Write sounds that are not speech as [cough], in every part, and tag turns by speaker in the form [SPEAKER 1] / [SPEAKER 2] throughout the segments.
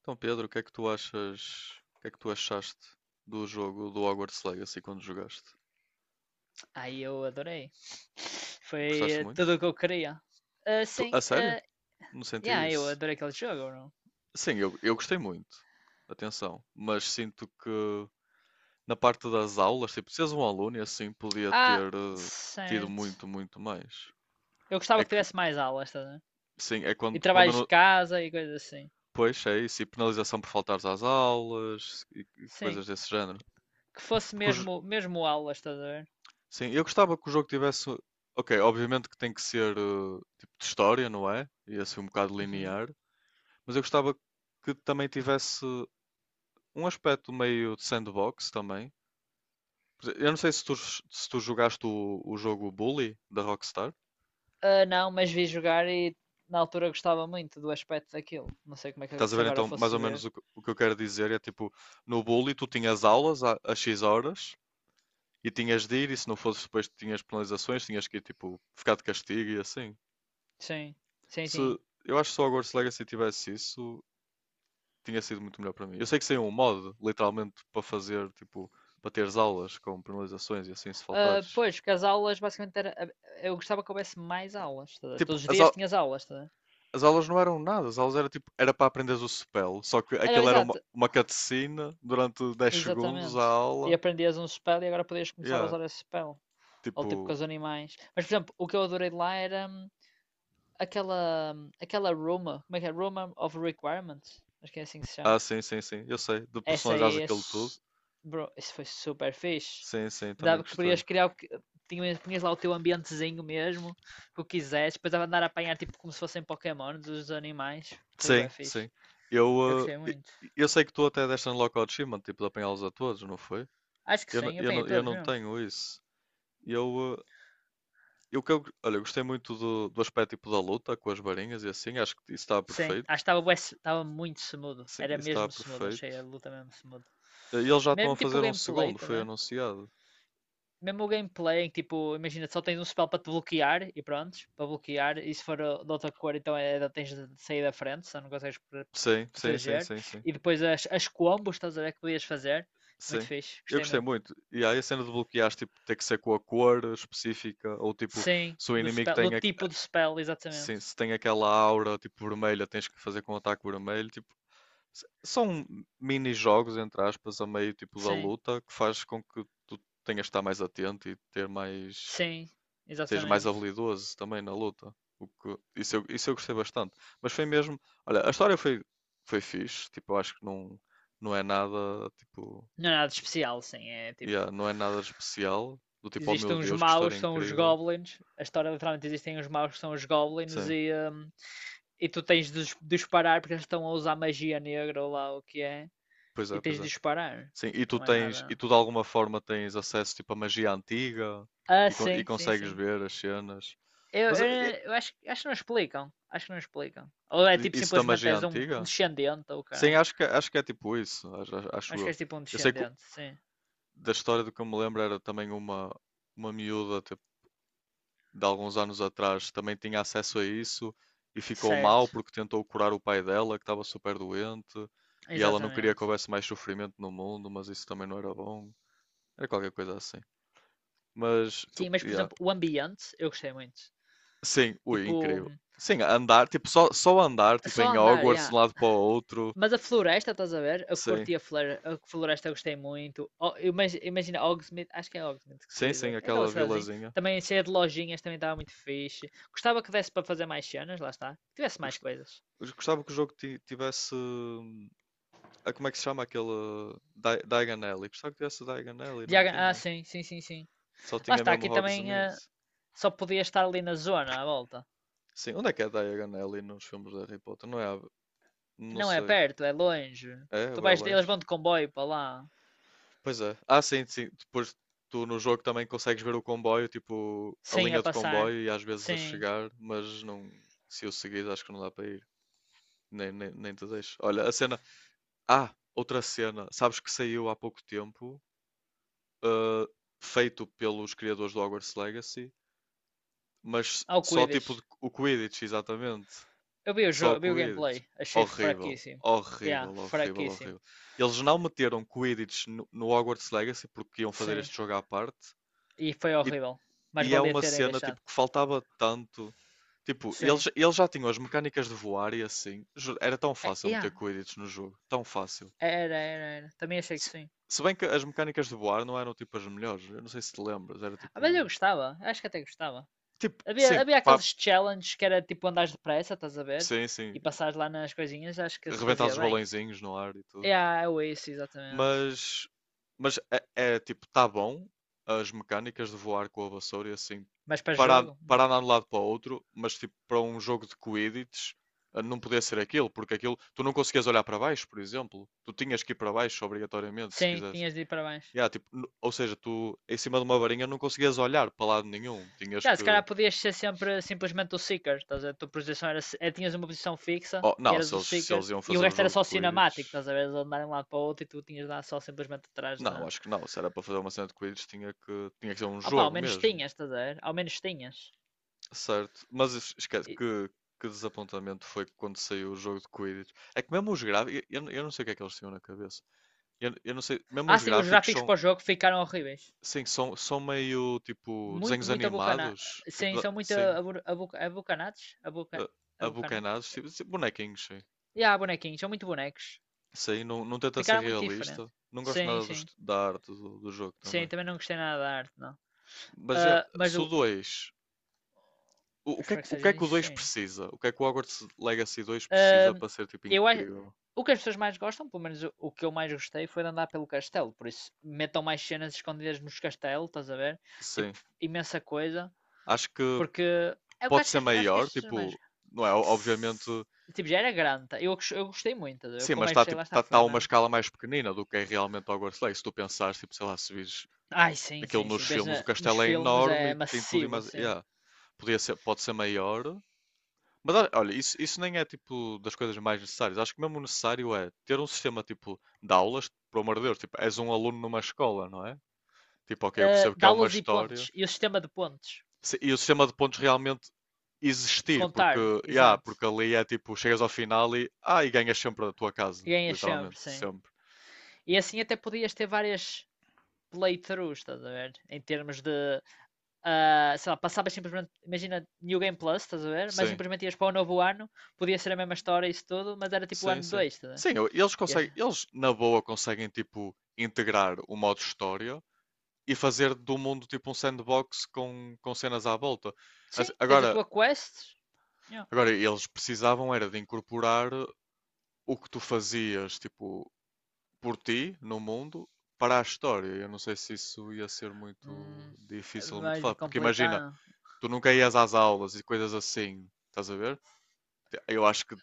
[SPEAKER 1] Então, Pedro, o que é que tu achas? O que é que tu achaste do jogo do Hogwarts Legacy quando jogaste?
[SPEAKER 2] Aí eu adorei.
[SPEAKER 1] Gostaste
[SPEAKER 2] Foi tudo
[SPEAKER 1] muito?
[SPEAKER 2] o que eu queria. Ah, sim,
[SPEAKER 1] A sério? Não senti
[SPEAKER 2] yeah, eu
[SPEAKER 1] isso.
[SPEAKER 2] adorei aquele jogo, não?
[SPEAKER 1] Sim, eu gostei muito. Atenção. Mas sinto que na parte das aulas, tipo, se és um aluno e assim podia
[SPEAKER 2] Ah,
[SPEAKER 1] ter tido
[SPEAKER 2] certo.
[SPEAKER 1] muito mais.
[SPEAKER 2] Eu
[SPEAKER 1] É
[SPEAKER 2] gostava que
[SPEAKER 1] que,
[SPEAKER 2] tivesse mais aulas, estás a ver?
[SPEAKER 1] sim, é
[SPEAKER 2] E
[SPEAKER 1] quando eu
[SPEAKER 2] trabalhos de casa e coisas assim.
[SPEAKER 1] pois, é isso. E penalização por faltares às aulas e
[SPEAKER 2] Sim,
[SPEAKER 1] coisas desse género.
[SPEAKER 2] que fosse
[SPEAKER 1] Porque os,
[SPEAKER 2] mesmo, mesmo aulas, estás a ver?
[SPEAKER 1] Sim, eu gostava que o jogo tivesse. Ok, obviamente que tem que ser tipo de história, não é? E é assim um bocado
[SPEAKER 2] Uhum.
[SPEAKER 1] linear. Mas eu gostava que também tivesse um aspecto meio de sandbox também. Eu não sei se tu jogaste o jogo Bully da Rockstar.
[SPEAKER 2] Ah, não, mas vi jogar e na altura gostava muito do aspecto daquilo. Não sei como é que
[SPEAKER 1] Estás a
[SPEAKER 2] se
[SPEAKER 1] ver
[SPEAKER 2] agora
[SPEAKER 1] então mais
[SPEAKER 2] fosse
[SPEAKER 1] ou menos
[SPEAKER 2] ver.
[SPEAKER 1] o que eu quero dizer? É tipo, no Bully tu tinhas às X horas e tinhas de ir, e se não fosse depois tinhas penalizações, tinhas que ir tipo, ficar de castigo e assim.
[SPEAKER 2] Sim, sim,
[SPEAKER 1] Se,
[SPEAKER 2] sim.
[SPEAKER 1] eu acho que só o Hogwarts Legacy tivesse isso, tinha sido muito melhor para mim. Eu sei que saiu um modo, literalmente, para fazer, tipo, para teres aulas com penalizações e assim se
[SPEAKER 2] Ah,
[SPEAKER 1] faltares.
[SPEAKER 2] pois, porque as aulas basicamente era. Eu gostava que houvesse mais aulas, estás a ver?
[SPEAKER 1] Tipo,
[SPEAKER 2] Todos os dias tinhas aulas, estás a ver?
[SPEAKER 1] as aulas não eram nada, as aulas era tipo, era para aprenderes o spell, só que
[SPEAKER 2] Era
[SPEAKER 1] aquilo era
[SPEAKER 2] exato,
[SPEAKER 1] uma cutscene durante dez segundos a
[SPEAKER 2] exatamente. E
[SPEAKER 1] aula.
[SPEAKER 2] aprendias um spell e agora podias começar a
[SPEAKER 1] Yeah,
[SPEAKER 2] usar esse spell. Ou tipo com
[SPEAKER 1] tipo,
[SPEAKER 2] os animais. Mas, por exemplo, o que eu adorei de lá era aquela Roma. Como é que é? Roma of Requirements. Acho que é assim que se chama.
[SPEAKER 1] ah, sim, eu sei, de
[SPEAKER 2] Essa
[SPEAKER 1] personalizares
[SPEAKER 2] aí é.
[SPEAKER 1] aquilo tudo.
[SPEAKER 2] Bro, isso foi super fixe.
[SPEAKER 1] Sim, sim, também
[SPEAKER 2] Dava que
[SPEAKER 1] gostei.
[SPEAKER 2] podias criar que. Tinhas lá o teu ambientezinho mesmo, o que o quisesse. Depois dava de andar a apanhar tipo como se fossem Pokémon dos animais. Foi bem
[SPEAKER 1] Sim,
[SPEAKER 2] fixe.
[SPEAKER 1] sim.
[SPEAKER 2] Eu
[SPEAKER 1] Eu,
[SPEAKER 2] gostei
[SPEAKER 1] eh,
[SPEAKER 2] muito.
[SPEAKER 1] eu sei que tu até deste unlock ao achievement, tipo, de apanhá-los a todos, não foi?
[SPEAKER 2] Acho que sim, eu apanhei
[SPEAKER 1] Não, eu
[SPEAKER 2] todos
[SPEAKER 1] não
[SPEAKER 2] mesmo.
[SPEAKER 1] tenho isso. Eu, eh, e o que eu, olha, eu gostei muito do aspecto tipo da luta com as varinhas e assim, acho que isso está
[SPEAKER 2] Sim, acho que
[SPEAKER 1] perfeito.
[SPEAKER 2] estava bué estava muito smooth.
[SPEAKER 1] Sim,
[SPEAKER 2] Era
[SPEAKER 1] isso está
[SPEAKER 2] mesmo smooth, achei a
[SPEAKER 1] perfeito.
[SPEAKER 2] luta mesmo smooth.
[SPEAKER 1] E eles já estão a
[SPEAKER 2] Mesmo tipo o
[SPEAKER 1] fazer um
[SPEAKER 2] gameplay,
[SPEAKER 1] segundo,
[SPEAKER 2] tá,
[SPEAKER 1] foi
[SPEAKER 2] né?
[SPEAKER 1] anunciado.
[SPEAKER 2] Mesmo o gameplay, em que, tipo, imagina, só tens um spell para te bloquear e pronto, para bloquear, e se for de outra cor, então é, tens de sair da frente, senão não consegues
[SPEAKER 1] Sim,
[SPEAKER 2] proteger.
[SPEAKER 1] sim.
[SPEAKER 2] E depois as combos, estás a ver, que podias fazer. Muito
[SPEAKER 1] Sim.
[SPEAKER 2] fixe,
[SPEAKER 1] Eu
[SPEAKER 2] gostei
[SPEAKER 1] gostei
[SPEAKER 2] muito.
[SPEAKER 1] muito. E aí a cena de bloquear, tipo, ter que ser com a cor específica, ou tipo,
[SPEAKER 2] Sim,
[SPEAKER 1] se o
[SPEAKER 2] do
[SPEAKER 1] inimigo
[SPEAKER 2] spell, do tipo de spell,
[SPEAKER 1] sim,
[SPEAKER 2] exatamente.
[SPEAKER 1] se tem aquela aura, tipo, vermelha, tens que fazer com o ataque vermelho. Tipo, são mini-jogos, entre aspas, a meio, tipo, da
[SPEAKER 2] Sim,
[SPEAKER 1] luta, que faz com que tu tenhas de estar mais atento e ter mais
[SPEAKER 2] sim,
[SPEAKER 1] seja mais
[SPEAKER 2] exatamente.
[SPEAKER 1] habilidoso também na luta. O que, isso eu gostei bastante. Mas foi mesmo. Olha, a foi fixe. Tipo, eu acho que não, não é nada. Tipo,
[SPEAKER 2] Não é nada de especial, sim, é tipo.
[SPEAKER 1] yeah, não é nada especial. Do tipo, oh
[SPEAKER 2] Existem
[SPEAKER 1] meu
[SPEAKER 2] uns
[SPEAKER 1] Deus, que
[SPEAKER 2] maus,
[SPEAKER 1] história
[SPEAKER 2] que são os
[SPEAKER 1] incrível.
[SPEAKER 2] goblins. A história literalmente existem uns maus, que são os goblins,
[SPEAKER 1] Sim,
[SPEAKER 2] e tu tens de disparar porque eles estão a usar magia negra ou lá o que é, e tens
[SPEAKER 1] pois
[SPEAKER 2] de
[SPEAKER 1] é.
[SPEAKER 2] disparar.
[SPEAKER 1] Sim, e
[SPEAKER 2] Tipo,
[SPEAKER 1] tu
[SPEAKER 2] não é
[SPEAKER 1] tens. E
[SPEAKER 2] nada.
[SPEAKER 1] tu de alguma forma tens acesso tipo, à magia antiga
[SPEAKER 2] Ah,
[SPEAKER 1] e
[SPEAKER 2] sim, sim,
[SPEAKER 1] consegues
[SPEAKER 2] sim.
[SPEAKER 1] ver as cenas.
[SPEAKER 2] Eu,
[SPEAKER 1] Mas
[SPEAKER 2] eu, eu acho, que não explicam. Acho que não explicam. Ou é tipo
[SPEAKER 1] isso da
[SPEAKER 2] simplesmente
[SPEAKER 1] magia
[SPEAKER 2] és um
[SPEAKER 1] antiga?
[SPEAKER 2] descendente ou
[SPEAKER 1] Sim,
[SPEAKER 2] caralho.
[SPEAKER 1] acho que é tipo isso. Acho
[SPEAKER 2] Acho que
[SPEAKER 1] eu.
[SPEAKER 2] és tipo um
[SPEAKER 1] Eu sei que
[SPEAKER 2] descendente, sim.
[SPEAKER 1] da história do que eu me lembro era também uma miúda tipo, de alguns anos atrás também tinha acesso a isso e ficou mal
[SPEAKER 2] Certo,
[SPEAKER 1] porque tentou curar o pai dela que estava super doente e ela não queria que
[SPEAKER 2] exatamente.
[SPEAKER 1] houvesse mais sofrimento no mundo, mas isso também não era bom. Era qualquer coisa assim.
[SPEAKER 2] Sim, mas por
[SPEAKER 1] Yeah.
[SPEAKER 2] exemplo, o ambiente eu gostei muito.
[SPEAKER 1] Sim, ui,
[SPEAKER 2] Tipo,
[SPEAKER 1] incrível. Sim, andar, tipo, só andar, tipo,
[SPEAKER 2] só
[SPEAKER 1] em
[SPEAKER 2] andar,
[SPEAKER 1] Hogwarts de
[SPEAKER 2] yeah.
[SPEAKER 1] um lado para o outro.
[SPEAKER 2] Mas a floresta, estás a ver? Eu
[SPEAKER 1] Sim,
[SPEAKER 2] curti a floresta, eu gostei muito. Imagina Hogsmeade, acho que é Hogsmeade que se
[SPEAKER 1] sim,
[SPEAKER 2] diz,
[SPEAKER 1] sim,
[SPEAKER 2] é? Aquela
[SPEAKER 1] aquela
[SPEAKER 2] cidadezinha.
[SPEAKER 1] vilazinha.
[SPEAKER 2] Também cheia de lojinhas, também estava muito fixe. Gostava que desse para fazer mais cenas, lá está. Que tivesse
[SPEAKER 1] Eu
[SPEAKER 2] mais
[SPEAKER 1] gost-
[SPEAKER 2] coisas.
[SPEAKER 1] eu gostava que o jogo tivesse ah, como é que se chama aquele Di Diagon Alley? Gostava que tivesse Diagon Alley, não
[SPEAKER 2] Diagon ah,
[SPEAKER 1] tinha.
[SPEAKER 2] sim, sim, sim, sim.
[SPEAKER 1] Só
[SPEAKER 2] Lá
[SPEAKER 1] tinha
[SPEAKER 2] está,
[SPEAKER 1] mesmo
[SPEAKER 2] aqui também
[SPEAKER 1] Hogsmeade.
[SPEAKER 2] só podia estar ali na zona, à volta.
[SPEAKER 1] Sim, onde é que é Diagon Alley nos filmes de Harry Potter? Não é? Não
[SPEAKER 2] Não é
[SPEAKER 1] sei.
[SPEAKER 2] perto, é longe.
[SPEAKER 1] É,
[SPEAKER 2] Tu
[SPEAKER 1] ou é
[SPEAKER 2] vais, eles
[SPEAKER 1] longe.
[SPEAKER 2] vão de comboio para lá.
[SPEAKER 1] Pois é. Ah, sim, sim. Depois tu no jogo também consegues ver o comboio, tipo a
[SPEAKER 2] Sim, a
[SPEAKER 1] linha de
[SPEAKER 2] passar.
[SPEAKER 1] comboio e às vezes a
[SPEAKER 2] Sim.
[SPEAKER 1] chegar, mas não, se eu seguir acho que não dá para ir. Nem te deixo. Olha, a cena. Ah, outra cena. Sabes que saiu há pouco tempo, ah, feito pelos criadores do Hogwarts Legacy. Mas
[SPEAKER 2] Ao
[SPEAKER 1] só
[SPEAKER 2] cuides.
[SPEAKER 1] o Quidditch, exatamente.
[SPEAKER 2] Eu vi o
[SPEAKER 1] Só o
[SPEAKER 2] jogo, vi o
[SPEAKER 1] Quidditch.
[SPEAKER 2] gameplay. Achei
[SPEAKER 1] Horrível,
[SPEAKER 2] fraquíssimo. Yeah,
[SPEAKER 1] horrível, horrível,
[SPEAKER 2] fraquíssimo.
[SPEAKER 1] horrível. Eles não meteram Quidditch no Hogwarts Legacy porque iam fazer
[SPEAKER 2] Sim.
[SPEAKER 1] este jogo à parte.
[SPEAKER 2] E foi
[SPEAKER 1] E,
[SPEAKER 2] horrível. Mas
[SPEAKER 1] e é
[SPEAKER 2] valia
[SPEAKER 1] uma
[SPEAKER 2] terem
[SPEAKER 1] cena tipo
[SPEAKER 2] deixado.
[SPEAKER 1] que faltava tanto. Tipo,
[SPEAKER 2] Sim.
[SPEAKER 1] eles já tinham as mecânicas de voar e assim. Era tão
[SPEAKER 2] É,
[SPEAKER 1] fácil
[SPEAKER 2] yeah.
[SPEAKER 1] meter Quidditch no jogo. Tão fácil.
[SPEAKER 2] Era, era, era. Também achei que
[SPEAKER 1] Se,
[SPEAKER 2] sim.
[SPEAKER 1] se bem que as mecânicas de voar não eram tipo as melhores. Eu não sei se te lembras. Era
[SPEAKER 2] Ah, mas eu
[SPEAKER 1] tipo.
[SPEAKER 2] gostava. Acho que até gostava.
[SPEAKER 1] Tipo,
[SPEAKER 2] Havia,
[SPEAKER 1] sim,
[SPEAKER 2] havia
[SPEAKER 1] pá,
[SPEAKER 2] aqueles challenges que era tipo andares depressa, estás a ver?
[SPEAKER 1] sim,
[SPEAKER 2] E
[SPEAKER 1] sim.
[SPEAKER 2] passares lá nas coisinhas, acho que se
[SPEAKER 1] Arrebentar
[SPEAKER 2] fazia
[SPEAKER 1] os
[SPEAKER 2] bem.
[SPEAKER 1] balõezinhos no ar e
[SPEAKER 2] É,
[SPEAKER 1] tudo.
[SPEAKER 2] yeah, é o isso, exatamente.
[SPEAKER 1] Mas, mas é, é, tipo, tá bom as mecânicas de voar com a vassoura e assim,
[SPEAKER 2] Mas para
[SPEAKER 1] para,
[SPEAKER 2] jogo? Hum.
[SPEAKER 1] para andar de um lado para o outro, mas tipo, para um jogo de Quidditch não podia ser aquilo, porque aquilo, tu não conseguias olhar para baixo, por exemplo, tu tinhas que ir para baixo obrigatoriamente, se
[SPEAKER 2] Sim,
[SPEAKER 1] quisesse.
[SPEAKER 2] tinhas de ir para baixo.
[SPEAKER 1] Yeah, tipo, ou seja, tu em cima de uma varinha não conseguias olhar para lado nenhum, tinhas
[SPEAKER 2] Cara,
[SPEAKER 1] que.
[SPEAKER 2] se calhar podias ser sempre simplesmente o Seeker, estás a ver? A tua posição era. É, tinhas uma posição fixa
[SPEAKER 1] Oh,
[SPEAKER 2] e
[SPEAKER 1] não,
[SPEAKER 2] eras
[SPEAKER 1] se
[SPEAKER 2] o
[SPEAKER 1] eles, se
[SPEAKER 2] Seeker
[SPEAKER 1] eles iam
[SPEAKER 2] e o
[SPEAKER 1] fazer o
[SPEAKER 2] resto era
[SPEAKER 1] jogo de
[SPEAKER 2] só cinemático,
[SPEAKER 1] Quidditch,
[SPEAKER 2] estás a ver? Eles andarem de um lado para o outro e tu tinhas de andar só simplesmente atrás
[SPEAKER 1] não,
[SPEAKER 2] da.
[SPEAKER 1] acho que não, se era para fazer uma cena de Quidditch, tinha que ser um
[SPEAKER 2] Ah pá, ao
[SPEAKER 1] jogo
[SPEAKER 2] menos
[SPEAKER 1] mesmo.
[SPEAKER 2] tinhas, estás a ver? Ao menos tinhas.
[SPEAKER 1] Certo, mas es- esquece
[SPEAKER 2] E-
[SPEAKER 1] que, que desapontamento foi quando saiu o jogo de Quidditch. É que mesmo os gráficos, eu não sei o que é que eles tinham na cabeça. Eu não sei, mesmo
[SPEAKER 2] Ah,
[SPEAKER 1] os
[SPEAKER 2] sim, os
[SPEAKER 1] gráficos
[SPEAKER 2] gráficos
[SPEAKER 1] são,
[SPEAKER 2] para o jogo ficaram horríveis.
[SPEAKER 1] sim, são, são meio tipo
[SPEAKER 2] Muito,
[SPEAKER 1] desenhos
[SPEAKER 2] muito abocanado.
[SPEAKER 1] animados, tipo,
[SPEAKER 2] Sim, são muito
[SPEAKER 1] sim,
[SPEAKER 2] abocanados.
[SPEAKER 1] a-
[SPEAKER 2] Abocanados?
[SPEAKER 1] abocanados, tipo, tipo bonequinhos, sim.
[SPEAKER 2] E há bonequinhos, são muito bonecos.
[SPEAKER 1] Sim, não, não tenta ser
[SPEAKER 2] Ficaram muito diferentes.
[SPEAKER 1] realista. Não gosto
[SPEAKER 2] Sim,
[SPEAKER 1] nada
[SPEAKER 2] sim.
[SPEAKER 1] da arte do jogo
[SPEAKER 2] Sim,
[SPEAKER 1] também.
[SPEAKER 2] também não gostei nada da arte, não.
[SPEAKER 1] Mas já,
[SPEAKER 2] Ah, mas
[SPEAKER 1] se o
[SPEAKER 2] do.
[SPEAKER 1] 2
[SPEAKER 2] Eu
[SPEAKER 1] o que é,
[SPEAKER 2] espero que
[SPEAKER 1] o que é
[SPEAKER 2] seja
[SPEAKER 1] que o 2
[SPEAKER 2] insano.
[SPEAKER 1] precisa? O que é que o Hogwarts Legacy 2 precisa
[SPEAKER 2] Ahm,
[SPEAKER 1] para ser tipo
[SPEAKER 2] eu acho,
[SPEAKER 1] incrível?
[SPEAKER 2] o que as pessoas mais gostam, pelo menos o que eu mais gostei, foi de andar pelo castelo. Por isso, metam mais cenas escondidas nos castelos, estás a ver? Tipo,
[SPEAKER 1] Sim.
[SPEAKER 2] imensa coisa.
[SPEAKER 1] Acho que
[SPEAKER 2] Porque é o que
[SPEAKER 1] pode
[SPEAKER 2] acho que,
[SPEAKER 1] ser
[SPEAKER 2] acho que as
[SPEAKER 1] maior,
[SPEAKER 2] pessoas mais.
[SPEAKER 1] tipo, não é? Obviamente,
[SPEAKER 2] Tipo, já era grande. Tá? Eu gostei muito. Eu como ver?
[SPEAKER 1] sim,
[SPEAKER 2] Que
[SPEAKER 1] mas
[SPEAKER 2] mais
[SPEAKER 1] está
[SPEAKER 2] gostei lá
[SPEAKER 1] tipo, tá,
[SPEAKER 2] está,
[SPEAKER 1] tá
[SPEAKER 2] foi
[SPEAKER 1] a uma
[SPEAKER 2] andar.
[SPEAKER 1] escala mais pequenina do que é realmente Hogwarts Legacy. Se tu pensares, tipo, sei lá, se vires
[SPEAKER 2] Ai, sim,
[SPEAKER 1] daquilo
[SPEAKER 2] sim,
[SPEAKER 1] nos
[SPEAKER 2] sim. Vês
[SPEAKER 1] filmes, o
[SPEAKER 2] nos
[SPEAKER 1] castelo é
[SPEAKER 2] filmes
[SPEAKER 1] enorme
[SPEAKER 2] é
[SPEAKER 1] e tem tudo e
[SPEAKER 2] massivo,
[SPEAKER 1] mais.
[SPEAKER 2] assim.
[SPEAKER 1] Yeah, podia ser, pode ser maior. Mas olha, isso nem é tipo das coisas mais necessárias. Acho que mesmo necessário é ter um sistema tipo de aulas, por amor de Deus, tipo, és um aluno numa escola, não é? Tipo, ok, eu
[SPEAKER 2] Ah,
[SPEAKER 1] percebo que há uma
[SPEAKER 2] dá-los e pontos.
[SPEAKER 1] história,
[SPEAKER 2] E o sistema de pontos.
[SPEAKER 1] e o sistema de pontos realmente existir, porque,
[SPEAKER 2] Contar,
[SPEAKER 1] yeah,
[SPEAKER 2] exato.
[SPEAKER 1] porque ali é tipo, chegas ao final e, ah, e ganhas sempre a tua casa,
[SPEAKER 2] Ganhas sempre,
[SPEAKER 1] literalmente,
[SPEAKER 2] sim.
[SPEAKER 1] sempre.
[SPEAKER 2] E assim até podias ter várias playthroughs, estás a ver? Em termos de, sei lá, passavas simplesmente, imagina New Game Plus, estás a ver? Mas
[SPEAKER 1] Sim,
[SPEAKER 2] simplesmente ias para o novo ano, podia ser a mesma história e isso tudo, mas era tipo o
[SPEAKER 1] sim,
[SPEAKER 2] ano
[SPEAKER 1] sim.
[SPEAKER 2] 2, estás a ver?
[SPEAKER 1] Sim, eles
[SPEAKER 2] Ias-
[SPEAKER 1] conseguem, eles na boa conseguem tipo integrar o modo história e fazer do mundo tipo um sandbox com cenas à volta.
[SPEAKER 2] Sim,
[SPEAKER 1] Assim,
[SPEAKER 2] tens a
[SPEAKER 1] agora,
[SPEAKER 2] tua quest. Yeah.
[SPEAKER 1] agora eles precisavam era de incorporar o que tu fazias, tipo, por ti no mundo para a história. Eu não sei se isso ia ser muito
[SPEAKER 2] Hum,
[SPEAKER 1] difícil ou muito
[SPEAKER 2] mais de
[SPEAKER 1] fácil, porque imagina,
[SPEAKER 2] complicado.
[SPEAKER 1] tu nunca ias às aulas e coisas assim, estás a ver? Eu acho que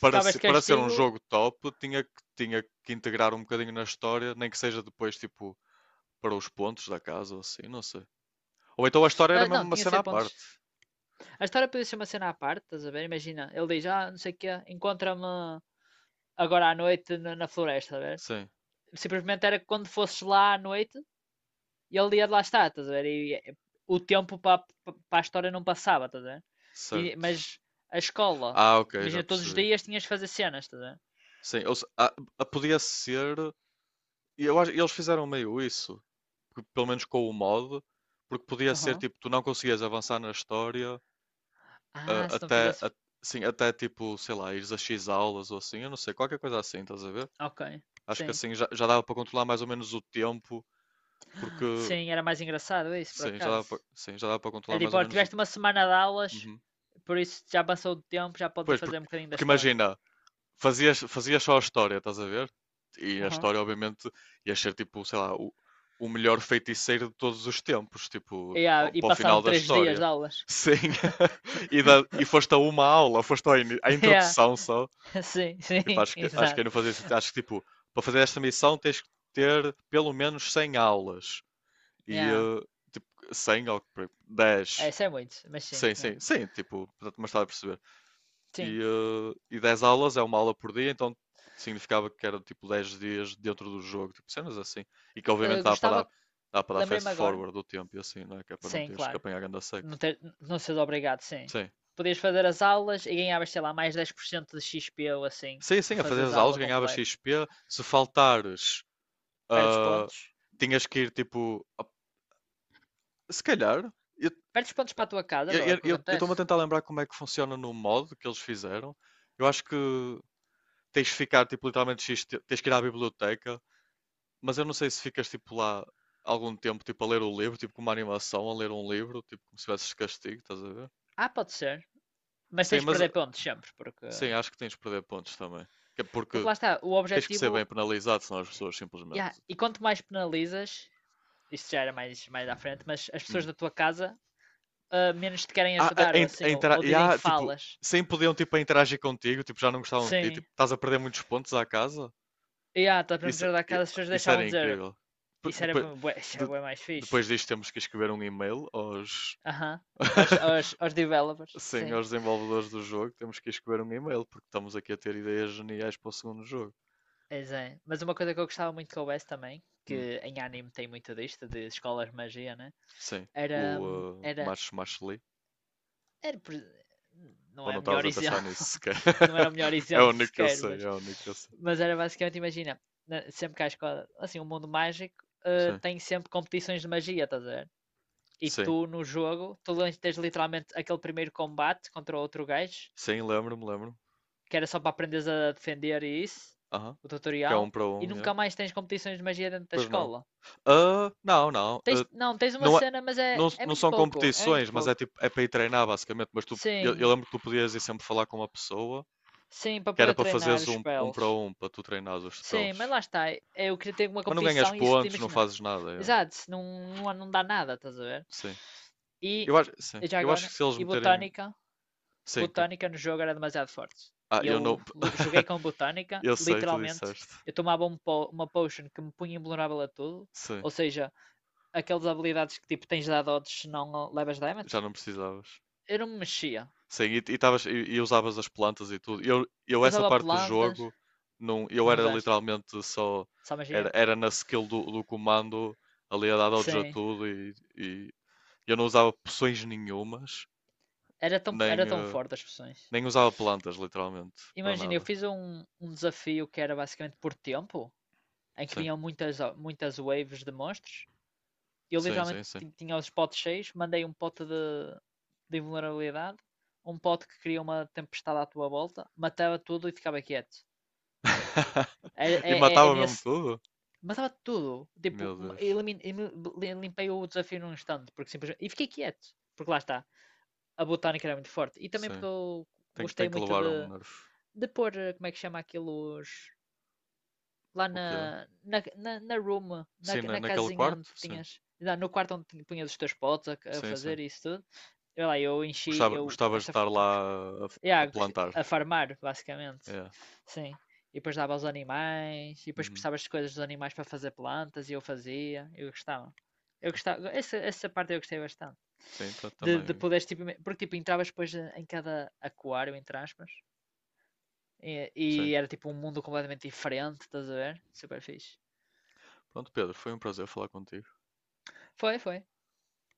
[SPEAKER 2] Ficavas de
[SPEAKER 1] para ser um
[SPEAKER 2] castigo.
[SPEAKER 1] jogo top, tinha que integrar um bocadinho na história, nem que seja depois, tipo, para os pontos da casa ou assim, não sei. Ou então a história era
[SPEAKER 2] Ah,
[SPEAKER 1] mesmo
[SPEAKER 2] não,
[SPEAKER 1] uma
[SPEAKER 2] tinha
[SPEAKER 1] cena
[SPEAKER 2] 100
[SPEAKER 1] à
[SPEAKER 2] pontos.
[SPEAKER 1] parte.
[SPEAKER 2] A história podia ser uma cena à parte, estás a ver? Imagina, ele diz, não sei o quê, encontra-me agora à noite na floresta, estás a ver?
[SPEAKER 1] Sim,
[SPEAKER 2] Simplesmente era que quando fosses lá à noite, e ele ia de lá estar, estás a ver? E o tempo para a história não passava, estás a ver? E-
[SPEAKER 1] certo.
[SPEAKER 2] mas a escola,
[SPEAKER 1] Ah, ok, já
[SPEAKER 2] imagina, todos os
[SPEAKER 1] percebi.
[SPEAKER 2] dias tinhas de fazer cenas, estás a ver?
[SPEAKER 1] Sim, ou se- ah, ah, podia ser. Eles fizeram meio isso, que pelo menos com o mod, porque podia ser
[SPEAKER 2] Aham.
[SPEAKER 1] tipo, tu não conseguias avançar na história ah,
[SPEAKER 2] Ah, se não
[SPEAKER 1] até,
[SPEAKER 2] fizesse.
[SPEAKER 1] a- sim, até tipo, sei lá, ires a X aulas ou assim, eu não sei, qualquer coisa assim, estás a ver?
[SPEAKER 2] Ok,
[SPEAKER 1] Acho que
[SPEAKER 2] sim.
[SPEAKER 1] assim já, já dava para controlar mais ou menos o tempo, porque
[SPEAKER 2] Sim, era mais engraçado isso, por
[SPEAKER 1] sim, já dava
[SPEAKER 2] acaso.
[SPEAKER 1] para, sim, já dava para
[SPEAKER 2] É
[SPEAKER 1] controlar mais
[SPEAKER 2] tipo,
[SPEAKER 1] ou
[SPEAKER 2] olha,
[SPEAKER 1] menos o
[SPEAKER 2] tiveste uma
[SPEAKER 1] tempo.
[SPEAKER 2] semana de aulas, por isso já passou o tempo, já podes
[SPEAKER 1] Pois,
[SPEAKER 2] ir fazer um
[SPEAKER 1] porque,
[SPEAKER 2] bocadinho da
[SPEAKER 1] porque
[SPEAKER 2] história.
[SPEAKER 1] imagina, fazias, fazias só a história, estás a ver? E a
[SPEAKER 2] Uhum.
[SPEAKER 1] história, obviamente, ia ser tipo, sei lá, o melhor feiticeiro de todos os tempos, tipo,
[SPEAKER 2] Yeah, e
[SPEAKER 1] para o final
[SPEAKER 2] passaram
[SPEAKER 1] da
[SPEAKER 2] 3 dias de
[SPEAKER 1] história.
[SPEAKER 2] aulas.
[SPEAKER 1] Sim, [laughs] e foste a uma aula, foste à
[SPEAKER 2] [laughs] Yeah,
[SPEAKER 1] introdução só.
[SPEAKER 2] sim, sim,
[SPEAKER 1] Tipo,
[SPEAKER 2] [laughs]
[SPEAKER 1] acho que
[SPEAKER 2] exato.
[SPEAKER 1] eu não fazia sentido. Acho que, tipo, para fazer esta missão tens que ter pelo menos 100 aulas. E,
[SPEAKER 2] Yeah.
[SPEAKER 1] eh, tipo,
[SPEAKER 2] É,
[SPEAKER 1] 10.
[SPEAKER 2] isso é muito, mas sim,
[SPEAKER 1] Sim,
[SPEAKER 2] yeah.
[SPEAKER 1] sim, sim, tipo, portanto, mas estás a perceber
[SPEAKER 2] Sim.
[SPEAKER 1] e, eh, e 10 aulas é uma aula por dia, então significava que era tipo 10 dias dentro do jogo, tipo cenas assim. E que obviamente
[SPEAKER 2] Eh, gostava,
[SPEAKER 1] dá para dar fast
[SPEAKER 2] lembrei-me agora,
[SPEAKER 1] forward do tempo e assim, não é? Que é para não
[SPEAKER 2] Sim,
[SPEAKER 1] teres que
[SPEAKER 2] claro.
[SPEAKER 1] apanhar ganda seca.
[SPEAKER 2] Não, ter, não seres obrigado, sim.
[SPEAKER 1] Sim.
[SPEAKER 2] Podias fazer as aulas e ganhavas, sei lá, mais 10% de XP ou assim,
[SPEAKER 1] Sim,
[SPEAKER 2] por
[SPEAKER 1] sim, a fazer
[SPEAKER 2] fazeres
[SPEAKER 1] as
[SPEAKER 2] a
[SPEAKER 1] aulas
[SPEAKER 2] aula
[SPEAKER 1] ganhava
[SPEAKER 2] completa.
[SPEAKER 1] XP. Se faltares,
[SPEAKER 2] Perdes
[SPEAKER 1] ah,
[SPEAKER 2] pontos.
[SPEAKER 1] tinhas que ir tipo. Se calhar, eu
[SPEAKER 2] Perdes pontos para a tua casa, bro, é o que
[SPEAKER 1] eu estou-me
[SPEAKER 2] acontece.
[SPEAKER 1] a tentar lembrar como é que funciona no modo que eles fizeram. Eu acho que tens de ficar tipo literalmente tens que ir à biblioteca. Mas eu não sei se ficas tipo lá algum tempo tipo a ler o livro, tipo com uma animação, a ler um livro, tipo como se tivesses castigo, estás a ver?
[SPEAKER 2] Ah, pode ser. Mas
[SPEAKER 1] Sim,
[SPEAKER 2] tens de
[SPEAKER 1] mas
[SPEAKER 2] perder pontos sempre, porque...
[SPEAKER 1] sim, acho que tens de perder pontos também. Que é.
[SPEAKER 2] Porque
[SPEAKER 1] Porque
[SPEAKER 2] lá está, o
[SPEAKER 1] tens que ser
[SPEAKER 2] objetivo...
[SPEAKER 1] bem penalizado, senão as pessoas simplesmente
[SPEAKER 2] Yeah, e
[SPEAKER 1] tipo,
[SPEAKER 2] quanto mais penalizas, isto já era mais, mais à frente, mas as pessoas
[SPEAKER 1] hum.
[SPEAKER 2] da tua casa menos te querem
[SPEAKER 1] Ah,
[SPEAKER 2] ajudar,
[SPEAKER 1] a,
[SPEAKER 2] ou
[SPEAKER 1] in- a
[SPEAKER 2] assim, ou,
[SPEAKER 1] intera-
[SPEAKER 2] ou
[SPEAKER 1] e
[SPEAKER 2] dizem
[SPEAKER 1] há, tipo,
[SPEAKER 2] falas.
[SPEAKER 1] sem podiam tipo a interagir contigo, tipo, já não gostavam de ti,
[SPEAKER 2] Sim.
[SPEAKER 1] tipo, estás a perder muitos pontos à casa.
[SPEAKER 2] E estás a
[SPEAKER 1] Isso,
[SPEAKER 2] proteger da
[SPEAKER 1] i-
[SPEAKER 2] casa, as pessoas
[SPEAKER 1] isso
[SPEAKER 2] deixavam
[SPEAKER 1] era
[SPEAKER 2] de dizer
[SPEAKER 1] incrível. Depois,
[SPEAKER 2] isso
[SPEAKER 1] de,
[SPEAKER 2] era bué mais fixe.
[SPEAKER 1] depois disto temos que escrever um e-mail aos
[SPEAKER 2] Aham. Aos,
[SPEAKER 1] [laughs]
[SPEAKER 2] aos, aos developers,
[SPEAKER 1] Sim,
[SPEAKER 2] sim.
[SPEAKER 1] aos desenvolvedores do jogo, temos que escrever um e-mail, porque estamos aqui a ter ideias geniais para o segundo jogo.
[SPEAKER 2] Pois é. Mas uma coisa que eu gostava muito que houvesse também,
[SPEAKER 1] Hum,
[SPEAKER 2] que em anime tem muito disto, de escolas de magia, né?
[SPEAKER 1] sim,
[SPEAKER 2] Era,
[SPEAKER 1] o
[SPEAKER 2] hum, era,
[SPEAKER 1] March March.
[SPEAKER 2] era, não
[SPEAKER 1] Ou
[SPEAKER 2] é
[SPEAKER 1] não
[SPEAKER 2] o melhor
[SPEAKER 1] estavas a pensar
[SPEAKER 2] exemplo,
[SPEAKER 1] nisso
[SPEAKER 2] [laughs]
[SPEAKER 1] sequer?
[SPEAKER 2] não era o melhor
[SPEAKER 1] [laughs] É o
[SPEAKER 2] exemplo
[SPEAKER 1] único que eu
[SPEAKER 2] sequer,
[SPEAKER 1] sei,
[SPEAKER 2] mas,
[SPEAKER 1] é o único que eu sei.
[SPEAKER 2] mas era basicamente, imagina, sempre que há escola, assim, o mundo mágico
[SPEAKER 1] Sim,
[SPEAKER 2] tem sempre competições de magia, estás a ver? E
[SPEAKER 1] sim,
[SPEAKER 2] tu no jogo, tens literalmente aquele primeiro combate contra outro gajo
[SPEAKER 1] sim, lembro-me, lembro-me.
[SPEAKER 2] que era só para aprenderes a defender e isso,
[SPEAKER 1] Aham,
[SPEAKER 2] o
[SPEAKER 1] que é um
[SPEAKER 2] tutorial,
[SPEAKER 1] para
[SPEAKER 2] e
[SPEAKER 1] um,
[SPEAKER 2] nunca
[SPEAKER 1] yeah.
[SPEAKER 2] mais tens competições de magia dentro da
[SPEAKER 1] Pois não.
[SPEAKER 2] escola.
[SPEAKER 1] Ah, não, não.
[SPEAKER 2] Tens,
[SPEAKER 1] ah,
[SPEAKER 2] não, tens uma
[SPEAKER 1] não, é,
[SPEAKER 2] cena, mas é,
[SPEAKER 1] não.
[SPEAKER 2] é
[SPEAKER 1] Não
[SPEAKER 2] muito
[SPEAKER 1] são
[SPEAKER 2] pouco, é muito
[SPEAKER 1] competições, mas é
[SPEAKER 2] pouco.
[SPEAKER 1] tipo, é para ir treinar basicamente. Mas tu, eu
[SPEAKER 2] Sim,
[SPEAKER 1] lembro que tu podias ir sempre falar com uma pessoa
[SPEAKER 2] sim, para
[SPEAKER 1] que era
[SPEAKER 2] poder
[SPEAKER 1] para
[SPEAKER 2] treinar
[SPEAKER 1] fazeres
[SPEAKER 2] os
[SPEAKER 1] um, um para
[SPEAKER 2] spells.
[SPEAKER 1] um, para tu treinares os
[SPEAKER 2] Sim, mas
[SPEAKER 1] spells.
[SPEAKER 2] lá está, eu queria ter uma
[SPEAKER 1] Mas não ganhas
[SPEAKER 2] competição e isso, te
[SPEAKER 1] pontos, não
[SPEAKER 2] imagina.
[SPEAKER 1] fazes nada.
[SPEAKER 2] Exato, não, não, não dá nada, estás a ver?
[SPEAKER 1] Sim.
[SPEAKER 2] E,
[SPEAKER 1] Eu acho, sim.
[SPEAKER 2] já
[SPEAKER 1] Eu acho
[SPEAKER 2] agora,
[SPEAKER 1] que se eles
[SPEAKER 2] e
[SPEAKER 1] meterem.
[SPEAKER 2] botânica,
[SPEAKER 1] Sim.
[SPEAKER 2] botânica no jogo era demasiado forte.
[SPEAKER 1] Ah, eu
[SPEAKER 2] Eu
[SPEAKER 1] não.
[SPEAKER 2] joguei
[SPEAKER 1] [laughs]
[SPEAKER 2] com botânica,
[SPEAKER 1] Eu sei, tu
[SPEAKER 2] literalmente,
[SPEAKER 1] disseste.
[SPEAKER 2] eu tomava um po uma potion que me punha invulnerável a tudo,
[SPEAKER 1] Sim.
[SPEAKER 2] ou seja, aquelas habilidades que tipo tens dado odds se não levas
[SPEAKER 1] Já
[SPEAKER 2] damage.
[SPEAKER 1] não precisavas.
[SPEAKER 2] Eu não me mexia.
[SPEAKER 1] Sim, e usavas as plantas e tudo. Eu essa
[SPEAKER 2] Usava
[SPEAKER 1] parte do
[SPEAKER 2] plantas,
[SPEAKER 1] jogo, não, eu
[SPEAKER 2] não
[SPEAKER 1] era
[SPEAKER 2] usaste?
[SPEAKER 1] literalmente só.
[SPEAKER 2] Só
[SPEAKER 1] Era,
[SPEAKER 2] magia?
[SPEAKER 1] era na skill do comando, ali a dar dodge a
[SPEAKER 2] Sim.
[SPEAKER 1] tudo e eu não usava poções nenhumas,
[SPEAKER 2] Era tão,
[SPEAKER 1] nem,
[SPEAKER 2] era tão
[SPEAKER 1] eh,
[SPEAKER 2] forte as poções.
[SPEAKER 1] nem usava plantas, literalmente, para
[SPEAKER 2] Imagina, eu
[SPEAKER 1] nada.
[SPEAKER 2] fiz um desafio que era basicamente por tempo, em que
[SPEAKER 1] Sim,
[SPEAKER 2] vinham muitas, muitas waves de monstros, eu
[SPEAKER 1] sim,
[SPEAKER 2] literalmente
[SPEAKER 1] sim, sim.
[SPEAKER 2] tinha os potes cheios, mandei um pote de invulnerabilidade, um pote que cria uma tempestade à tua volta, matava tudo e ficava quieto. É,
[SPEAKER 1] [laughs] E
[SPEAKER 2] é, é, é
[SPEAKER 1] matava mesmo
[SPEAKER 2] nesse.
[SPEAKER 1] tudo?
[SPEAKER 2] Matava tudo. Tipo,
[SPEAKER 1] Meu Deus.
[SPEAKER 2] limpei o desafio num instante, porque simplesmente. E fiquei quieto, porque lá está. A botânica era muito forte. E também porque
[SPEAKER 1] Sim.
[SPEAKER 2] eu
[SPEAKER 1] Tem, tem
[SPEAKER 2] gostei
[SPEAKER 1] que
[SPEAKER 2] muito
[SPEAKER 1] levar um
[SPEAKER 2] de,
[SPEAKER 1] nerf.
[SPEAKER 2] de pôr, como é que chama aquilo, os, lá
[SPEAKER 1] O quê?
[SPEAKER 2] na room, na,
[SPEAKER 1] Sim,
[SPEAKER 2] na
[SPEAKER 1] naquele
[SPEAKER 2] casinha onde
[SPEAKER 1] quarto? Sim.
[SPEAKER 2] tinhas, lá no quarto onde punhas os teus potes a
[SPEAKER 1] Sim, sim.
[SPEAKER 2] fazer isso tudo. Eu lá, eu enchi,
[SPEAKER 1] Gostava,
[SPEAKER 2] eu,
[SPEAKER 1] gostavas de
[SPEAKER 2] essa,
[SPEAKER 1] estar lá a
[SPEAKER 2] yeah,
[SPEAKER 1] plantar.
[SPEAKER 2] a farmar, basicamente.
[SPEAKER 1] É.
[SPEAKER 2] Sim. E depois dava aos animais, e depois
[SPEAKER 1] Uhum.
[SPEAKER 2] precisavas de coisas dos animais para fazer plantas, e eu fazia, eu gostava. Eu gostava, essa parte eu gostei bastante.
[SPEAKER 1] Sim, tá,
[SPEAKER 2] De
[SPEAKER 1] também.
[SPEAKER 2] poderes, tipo, porque tipo, entravas depois em cada aquário, entre aspas, e,
[SPEAKER 1] Sim.
[SPEAKER 2] e era tipo um mundo completamente diferente, estás a ver? Super fixe.
[SPEAKER 1] Pronto, Pedro, foi um prazer falar contigo.
[SPEAKER 2] Foi, foi.